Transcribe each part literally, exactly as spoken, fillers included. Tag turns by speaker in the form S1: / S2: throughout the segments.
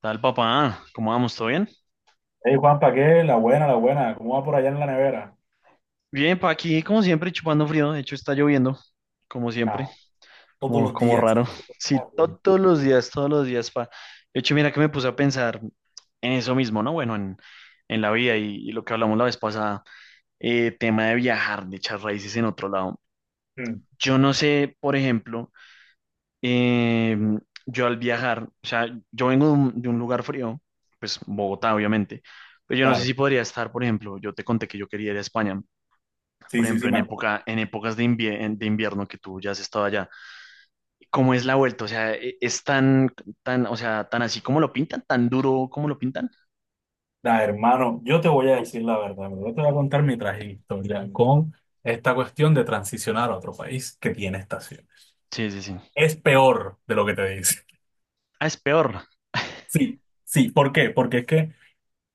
S1: Tal papá, ¿cómo vamos? ¿Todo bien?
S2: Hey Juanpa, ¿qué? La buena, la buena. ¿Cómo va por allá en la nevera?
S1: Bien, pa aquí como siempre chupando frío, de hecho está lloviendo, como siempre,
S2: Ah, todos
S1: como,
S2: los
S1: como
S2: días.
S1: raro. Sí,
S2: Ah,
S1: to-
S2: güey.
S1: todos los días, todos los días, pa. De hecho, mira que me puse a pensar en eso mismo, ¿no? Bueno, en, en la vida y, y lo que hablamos la vez pasada, eh, tema de viajar, de echar raíces en otro lado.
S2: Mm,
S1: Yo no sé, por ejemplo, eh, yo al viajar, o sea, yo vengo de un, de un lugar frío, pues Bogotá, obviamente, pero yo no sé
S2: claro.
S1: si podría estar, por ejemplo, yo te conté que yo quería ir a España.
S2: Sí,
S1: Por
S2: sí, sí,
S1: ejemplo, en
S2: me acuerdo.
S1: época, en épocas de, invier- en- de invierno que tú ya has estado allá, ¿cómo es la vuelta? O sea, e- es tan, tan, o sea, tan así como lo pintan, tan duro como lo pintan.
S2: Da, hermano, yo te voy a decir la verdad. Bro, yo te voy a contar mi trágica historia con esta cuestión de transicionar a otro país que tiene estaciones.
S1: Sí, sí, sí.
S2: Es peor de lo que te dice.
S1: Ah, es peor.
S2: Sí, sí. ¿Por qué? Porque es que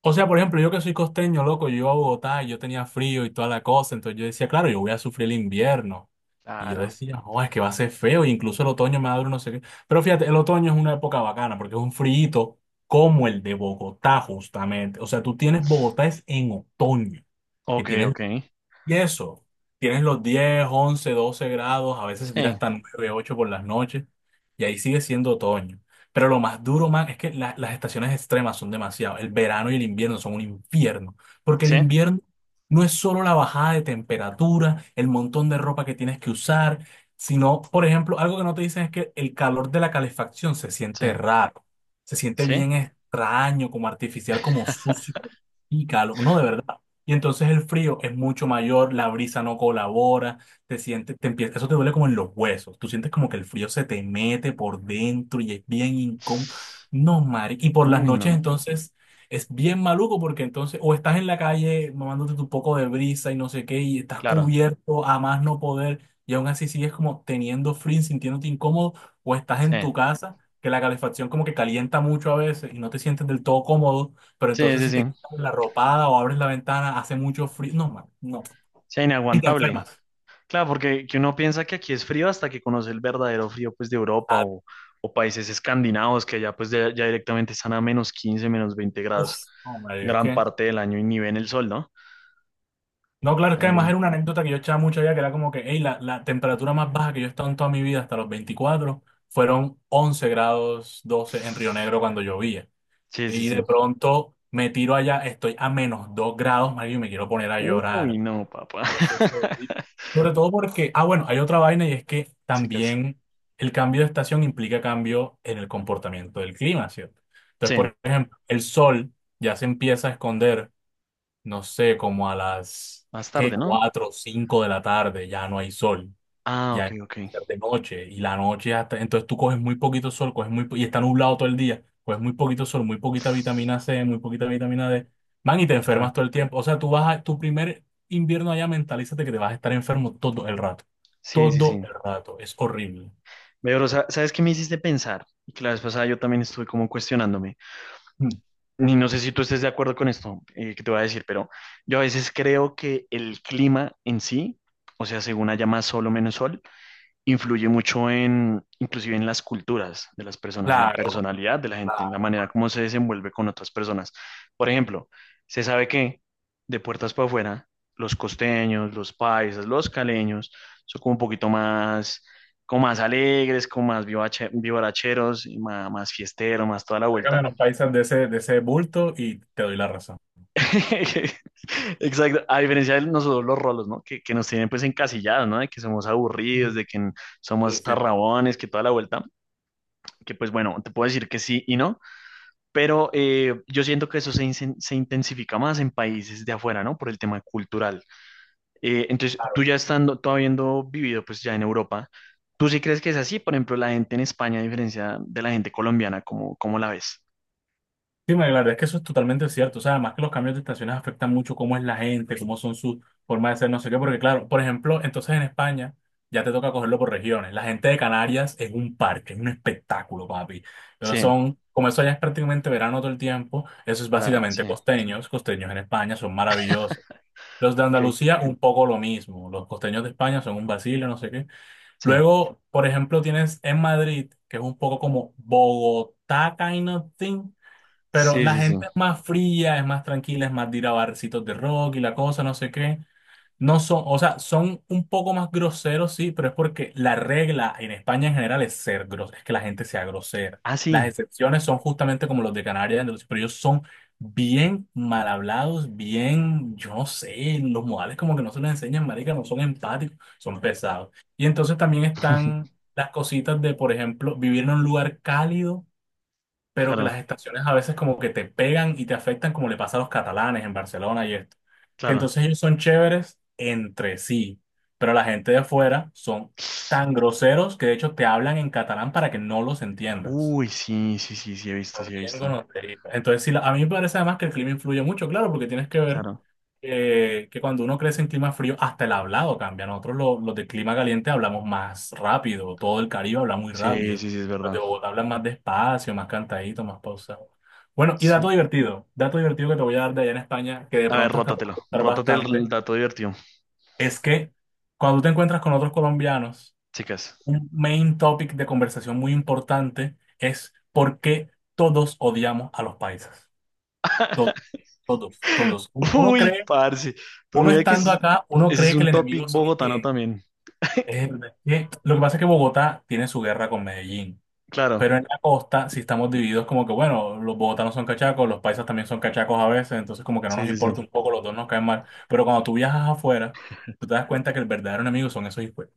S2: O sea, por ejemplo, yo que soy costeño, loco, yo iba a Bogotá y yo tenía frío y toda la cosa, entonces yo decía, claro, yo voy a sufrir el invierno. Y yo
S1: Claro.
S2: decía, no, es que va a ser feo, e incluso el otoño me va a dar no sé qué. Pero fíjate, el otoño es una época bacana porque es un frío como el de Bogotá, justamente. O sea, tú tienes Bogotá es en otoño, que
S1: Ok,
S2: tienes
S1: ok.
S2: y eso, tienes los diez once doce grados, a veces se tira
S1: Sí,
S2: hasta nueve, ocho por las noches, y ahí sigue siendo otoño. Pero lo más duro, man, es que la- las estaciones extremas son demasiado. El verano y el invierno son un infierno, porque el
S1: sí,
S2: invierno no es solo la bajada de temperatura, el montón de ropa que tienes que usar, sino, por ejemplo, algo que no te dicen es que el calor de la calefacción se
S1: sí,
S2: siente raro, se siente
S1: sí.
S2: bien extraño, como artificial, como sucio, y calor. No, de verdad. Y entonces el frío es mucho mayor, la brisa no colabora, te sientes, te empieza, eso te duele como en los huesos. Tú sientes como que el frío se te mete por dentro y es bien incómodo. No, Mari. Y por las
S1: Uy,
S2: noches
S1: no.
S2: entonces es bien maluco porque entonces o estás en la calle mamándote tu poco de brisa y no sé qué y estás
S1: Claro.
S2: cubierto a más no poder y aún así sigues como teniendo frío, y sintiéndote incómodo o estás
S1: Sí,
S2: en tu casa que la calefacción como que calienta mucho a veces y no te sientes del todo cómodo, pero
S1: sí,
S2: entonces
S1: sí,
S2: si
S1: sí.
S2: te la ropada o abres la ventana, hace mucho frío. No, man, no.
S1: Sí,
S2: Y te
S1: inaguantable.
S2: enfermas.
S1: Claro, porque que uno piensa que aquí es frío hasta que conoce el verdadero frío pues de Europa
S2: Ah,
S1: o, o países escandinavos que allá pues de- ya directamente están a menos quince, menos veinte
S2: uf,
S1: grados
S2: no, madre, es
S1: gran
S2: que.
S1: parte del año y ni ven el sol, ¿no?
S2: No, claro, es que además
S1: También.
S2: era una anécdota que yo echaba mucho allá, que era como que, hey, la, la temperatura más baja que yo he estado en toda mi vida hasta los veinticuatro fueron once grados doce en Río Negro cuando llovía.
S1: Sí, sí,
S2: Y
S1: sí.
S2: de pronto me tiro allá, estoy a menos dos grados, marido, y me quiero poner a
S1: Uy,
S2: llorar.
S1: no, papá.
S2: Eso es todo. Sobre todo porque, ah, bueno, hay otra vaina y es que
S1: Chicas.
S2: también el cambio de estación implica cambio en el comportamiento del clima, ¿cierto? Entonces,
S1: Sí,
S2: por ejemplo, el sol ya se empieza a esconder, no sé, como a las,
S1: más
S2: ¿qué?
S1: tarde, ¿no?
S2: Cuatro o cinco de la tarde, ya no hay sol,
S1: Ah,
S2: ya
S1: ok,
S2: es
S1: ok.
S2: de noche y la noche hasta, entonces tú coges muy poquito sol, coges muy, po- y está nublado todo el día, coges muy poquito sol, muy poquita vitamina C, muy poquita vitamina D, man, y te enfermas
S1: Claro.
S2: todo el tiempo. O sea, tú vas a, tu primer invierno allá, mentalízate que te vas a estar enfermo todo el rato,
S1: Sí, sí,
S2: todo
S1: sí.
S2: el rato, es horrible.
S1: Veo, pero sa- ¿sabes qué me hiciste pensar? Y que la vez pasada yo también estuve como cuestionándome.
S2: Mm.
S1: Y no sé si tú estés de acuerdo con esto, eh, que te voy a decir, pero yo a veces creo que el clima en sí, o sea, según haya más sol o menos sol, influye mucho en, inclusive en las culturas de las personas, en la
S2: Claro,
S1: personalidad de la gente, en la
S2: claro.
S1: manera como se desenvuelve con otras personas. Por ejemplo, se sabe que de puertas para afuera, los costeños, los paisas, los caleños son como un poquito más, como más alegres, como más vivache- vivaracheros, y más, más fiesteros, más toda la
S2: Tráigame a
S1: vuelta.
S2: los países de ese, de ese bulto y te doy la razón.
S1: Exacto, a diferencia de nosotros los rolos, ¿no? Que, que nos tienen pues encasillados, ¿no? De que somos aburridos,
S2: Mm.
S1: de que n-
S2: Sí,
S1: somos
S2: sí.
S1: tarrabones, que toda la vuelta, que pues bueno, te puedo decir que sí y no, pero eh, yo siento que eso se, insen- se intensifica más en países de afuera, ¿no? Por el tema cultural. Eh, entonces, tú
S2: Claro.
S1: ya estando, tú habiendo vivido pues ya en Europa, ¿tú sí crees que es así? Por ejemplo, la gente en España, a diferencia de la gente colombiana, ¿cómo, cómo la ves?
S2: Sí, María, la verdad es que eso es totalmente cierto. O sea, además que los cambios de estaciones afectan mucho cómo es la gente, cómo son sus formas de ser, no sé qué. Porque, claro, por ejemplo, entonces en España ya te toca cogerlo por regiones. La gente de Canarias es un parque, es un espectáculo, papi. Ellos
S1: Sí,
S2: son, como eso ya es prácticamente verano todo el tiempo, eso es
S1: la,
S2: básicamente
S1: sí.
S2: costeños. Costeños en España son maravillosos. Los de
S1: Ok.
S2: Andalucía, un poco lo mismo. Los costeños de España son un vacilo, no sé qué.
S1: Sí,
S2: Luego, por ejemplo, tienes en Madrid, que es un poco como Bogotá, kind of thing, pero
S1: sí,
S2: la
S1: sí, sí.
S2: gente es más fría, es más tranquila, es más de ir a barcitos de rock y la cosa, no sé qué. No son, o sea, son un poco más groseros, sí, pero es porque la regla en España en general es ser grosero, es que la gente sea grosera.
S1: Ah,
S2: Las
S1: sí.
S2: excepciones son justamente como los de Canarias, entonces, pero ellos son bien mal hablados, bien, yo no sé, los modales como que no se les enseñan, marica, no son empáticos, son pesados. Y entonces también están las cositas de, por ejemplo, vivir en un lugar cálido pero que
S1: Claro,
S2: las estaciones a veces como que te pegan y te afectan como le pasa a los catalanes en Barcelona y esto. Que
S1: claro.
S2: entonces ellos son chéveres entre sí, pero la gente de afuera son tan groseros que de hecho te hablan en catalán para que no los entiendas.
S1: Uy, sí, sí, sí, sí, he visto, sí, he
S2: También
S1: visto.
S2: gonorrea. Entonces, sí, la- a mí me parece además que el clima influye mucho, claro, porque tienes que ver
S1: Claro.
S2: eh, que cuando uno crece en clima frío, hasta el hablado cambia. Nosotros lo- los de clima caliente hablamos más rápido, todo el Caribe habla muy
S1: Sí,
S2: rápido.
S1: sí, sí, es
S2: Los de
S1: verdad.
S2: Bogotá hablan más despacio, más cantadito, más pausado. Bueno, y
S1: Sí.
S2: dato divertido, dato divertido que te voy a dar de allá en España, que de
S1: A ver,
S2: pronto hasta te va a
S1: rótatelo.
S2: gustar
S1: Rótate
S2: bastante,
S1: el dato divertido,
S2: es que cuando te encuentras con otros colombianos,
S1: chicas.
S2: un main topic de conversación muy importante es por qué todos odiamos a los paisas. To- Todos, todos. Uno, uno
S1: Uy,
S2: cree,
S1: parce. Pues
S2: uno
S1: mira que
S2: estando
S1: es-
S2: acá, uno
S1: ese es
S2: cree que
S1: un
S2: el
S1: topic
S2: enemigo son y
S1: bogotano
S2: que,
S1: también.
S2: es- que- lo que pasa es que Bogotá tiene su guerra con Medellín,
S1: Claro.
S2: pero en la costa sí estamos divididos como que, bueno, los bogotanos son cachacos, los paisas también son cachacos a veces, entonces como que no
S1: Sí,
S2: nos
S1: sí, sí.
S2: importa un poco, los dos nos caen mal. Pero cuando tú viajas afuera, tú te das cuenta que el verdadero enemigo son esos hijos.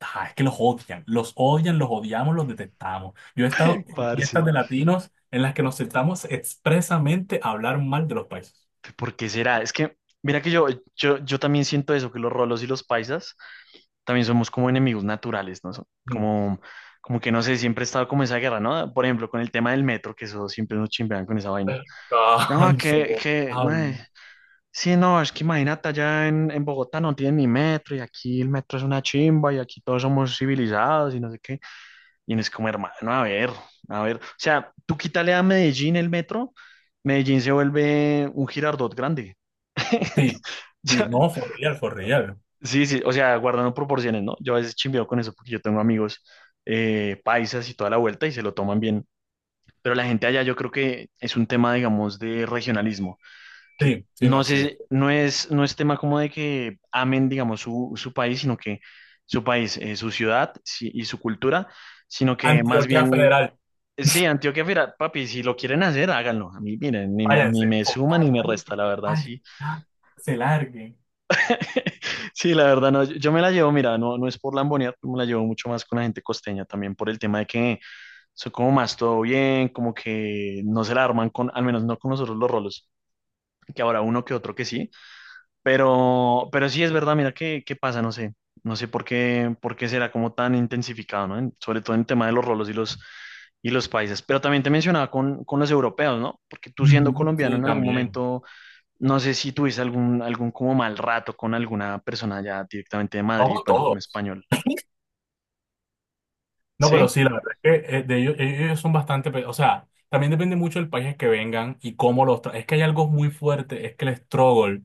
S2: Ah, es que los odian, los odian, los odiamos, los detestamos. Yo he estado en
S1: Parce.
S2: fiestas de latinos en las que nos sentamos expresamente a hablar mal de los países.
S1: ¿Por qué será? Es que, mira que yo, yo, yo también siento eso, que los rolos y los paisas también somos como enemigos naturales, ¿no? So-
S2: Mm.
S1: Como, como que no sé, siempre he estado como esa guerra, ¿no? Por ejemplo, con el tema del metro, que eso siempre nos chimbean con esa vaina.
S2: Ah,
S1: No, que,
S2: insoportable.
S1: que, no, eh, sí, no, es que imagínate, allá en, en Bogotá no tienen ni metro y aquí el metro es una chimba y aquí todos somos civilizados y no sé qué. Y no es como, hermano, a ver, a ver. O sea, tú quítale a Medellín el metro, Medellín se vuelve un Girardot grande.
S2: Sí, sí,
S1: Yo,
S2: no, for real, for real.
S1: sí, sí, o sea, guardando proporciones, ¿no? Yo a veces chimbeo con eso porque yo tengo amigos, eh, paisas y toda la vuelta y se lo toman bien. Pero la gente allá yo creo que es un tema, digamos, de regionalismo, que
S2: Sí, sí, no,
S1: no
S2: sí.
S1: sé, no es, no es tema como de que amen, digamos, su, su país, sino que su país, eh, su ciudad sí, y su cultura, sino que más
S2: Antioquia
S1: bien,
S2: Federal,
S1: sí, Antioquia, mira, papi, si lo quieren hacer, háganlo. A mí, miren, ni, ni
S2: váyanse,
S1: me suma ni
S2: total,
S1: me
S2: váyanse,
S1: resta, la
S2: que
S1: verdad, sí.
S2: vayan, ya, se larguen.
S1: Sí, la verdad, no, yo yo me la llevo, mira, no, no es por lambonear, me la llevo mucho más con la gente costeña, también por el tema de que son como más todo bien, como que no se la arman con, al menos no con nosotros los rolos, que ahora uno que otro que sí, pero, pero sí es verdad, mira, qué, qué pasa, no sé, no sé por qué, por qué será como tan intensificado, ¿no? En- sobre todo en el tema de los rolos y los, y los países, pero también te mencionaba con, con los europeos, ¿no? Porque tú
S2: Ujú.
S1: siendo colombiano
S2: Sí,
S1: en algún
S2: también.
S1: momento no sé si tuviste algún, algún como mal rato con alguna persona ya directamente de
S2: No
S1: Madrid,
S2: con
S1: bueno, un
S2: todos.
S1: español.
S2: No, pero
S1: Sí,
S2: sí, la verdad es que eh, de ellos, ellos son bastante, pe- o sea, también depende mucho del país que vengan y cómo los tra- Es que hay algo muy fuerte, es que el struggle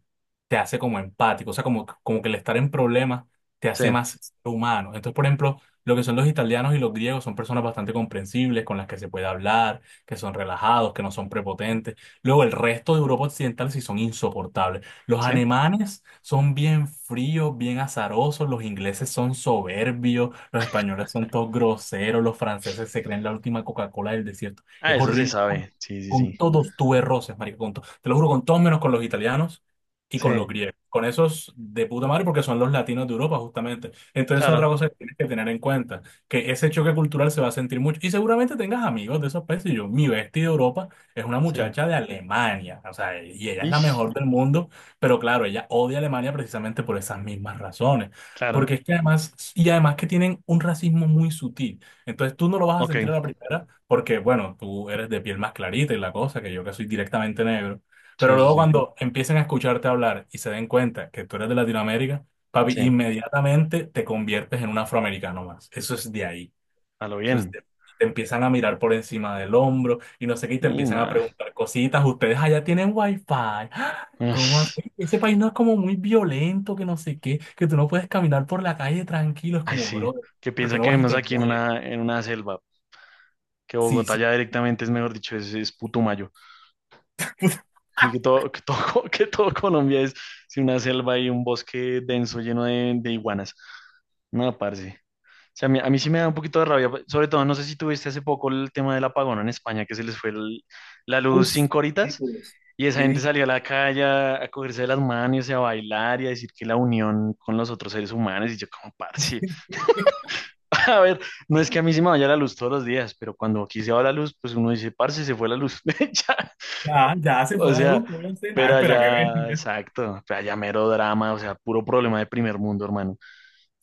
S2: te hace como empático, o sea, como, como que el estar en problemas te
S1: sí,
S2: hace más ser humano. Entonces, por ejemplo, lo que son los italianos y los griegos son personas bastante comprensibles, con las que se puede hablar, que son relajados, que no son prepotentes. Luego, el resto de Europa Occidental sí son insoportables. Los
S1: sí.
S2: alemanes son bien fríos, bien azarosos, los ingleses son soberbios, los españoles son todos groseros, los franceses se creen la última Coca-Cola del desierto.
S1: Ah,
S2: Es
S1: eso se
S2: horrible. Con,
S1: sabe. Sí, sí,
S2: con
S1: sí.
S2: todos tuve roces, marico, con to- te lo juro, con todos menos con los italianos y con los
S1: Sí,
S2: griegos. Con esos de puta madre porque son los latinos de Europa, justamente. Entonces, otra
S1: claro.
S2: cosa que tienes que tener en cuenta, que ese choque cultural se va a sentir mucho. Y seguramente tengas amigos de esos países. Yo, mi bestia de Europa es una
S1: Sí.
S2: muchacha de Alemania, o sea, y ella es la
S1: Ish,
S2: mejor del mundo. Pero claro, ella odia a Alemania precisamente por esas mismas razones.
S1: claro.
S2: Porque es que además, y además que tienen un racismo muy sutil. Entonces tú no lo vas a sentir
S1: Ok.
S2: a la primera porque, bueno, tú eres de piel más clarita y la cosa, que yo que soy directamente negro. Pero
S1: Sí, sí,
S2: luego
S1: sí.
S2: cuando empiecen a escucharte hablar y se den cuenta que tú eres de Latinoamérica, papi,
S1: Sí.
S2: inmediatamente te conviertes en un afroamericano más. Eso es de ahí.
S1: A lo
S2: Entonces
S1: bien.
S2: te, te empiezan a mirar por encima del hombro y no sé qué, y te
S1: Y
S2: empiezan a
S1: nada.
S2: preguntar cositas. ¿Ustedes allá tienen wifi? ¡Ah! ¿Cómo así?
S1: Ush.
S2: Ese país no es como muy violento, que no sé qué, que tú no puedes caminar por la calle tranquilo. Es
S1: Ay,
S2: como,
S1: sí.
S2: bro,
S1: ¿Qué
S2: porque
S1: piensa
S2: no
S1: que
S2: vas y
S1: vemos
S2: te
S1: aquí en
S2: mueres?
S1: una, en una selva? Que
S2: Sí,
S1: Bogotá
S2: sí.
S1: ya directamente es, mejor dicho, es, es Putumayo. Así que todo, que todo, que todo Colombia es, sí, una selva y un bosque denso lleno de, de iguanas. No, parce. O sea, a mí, a mí sí me da un poquito de rabia, sobre todo, no sé si tuviste hace poco el tema del apagón en España, que se les fue el- la luz
S2: Uf,
S1: cinco horitas
S2: ridículos.
S1: y esa gente salió a
S2: Ridículo.
S1: la calle a, a cogerse de las manos y a bailar y a decir que la unión con los otros seres humanos y yo como, parce, a ver, no es que a mí sí me vaya la luz todos los días, pero cuando aquí se va la luz, pues uno dice, parce, se fue la luz, ya,
S2: Ya, ya se fue
S1: o
S2: la
S1: sea,
S2: luz, voy a cenar,
S1: pero
S2: espera que
S1: allá,
S2: venga.
S1: exacto, allá mero drama, o sea, puro problema de primer mundo, hermano.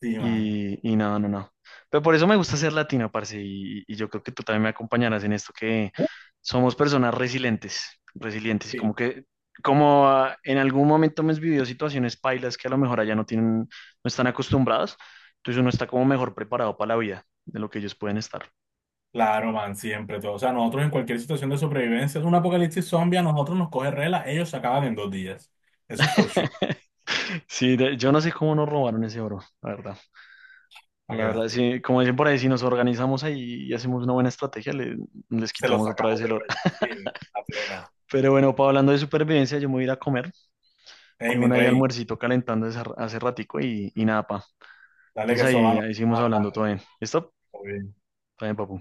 S2: Sí, mano.
S1: Y, y no, no, no. Pero por eso me gusta ser latino, parce, y, y yo creo que tú también me acompañarás en esto, que
S2: Uf,
S1: somos personas resilientes, resilientes, y
S2: sí.
S1: como que, como ah, en algún momento hemos vivido situaciones pailas que a lo mejor allá no tienen, no están acostumbrados, entonces uno está como mejor preparado para la vida de lo que ellos pueden estar.
S2: Claro, man, siempre todo. O sea, nosotros en cualquier situación de sobrevivencia, es un apocalipsis zombie, a nosotros nos coge rela, ellos se acaban en dos días. Eso es for sure,
S1: Sí, de- yo no sé cómo nos robaron ese oro, la verdad.
S2: para que
S1: La verdad,
S2: veas tú.
S1: sí, como dicen por ahí, si nos organizamos ahí y hacemos una buena estrategia, le- les
S2: Se los
S1: quitamos otra vez
S2: sacamos
S1: el
S2: de
S1: oro.
S2: vuelta, sí, a plena.
S1: Pero bueno, pa, hablando de supervivencia, yo me voy a ir a comer.
S2: Ey,
S1: Tengo
S2: mi
S1: una ahí
S2: rey,
S1: almuercito calentando hace hace ratico y, y nada, pa.
S2: dale
S1: Entonces
S2: que eso
S1: ahí,
S2: va, nos
S1: ahí seguimos
S2: vamos
S1: hablando todo
S2: hablando.
S1: bien. ¿Listo?
S2: Todo bien.
S1: Está bien, papu.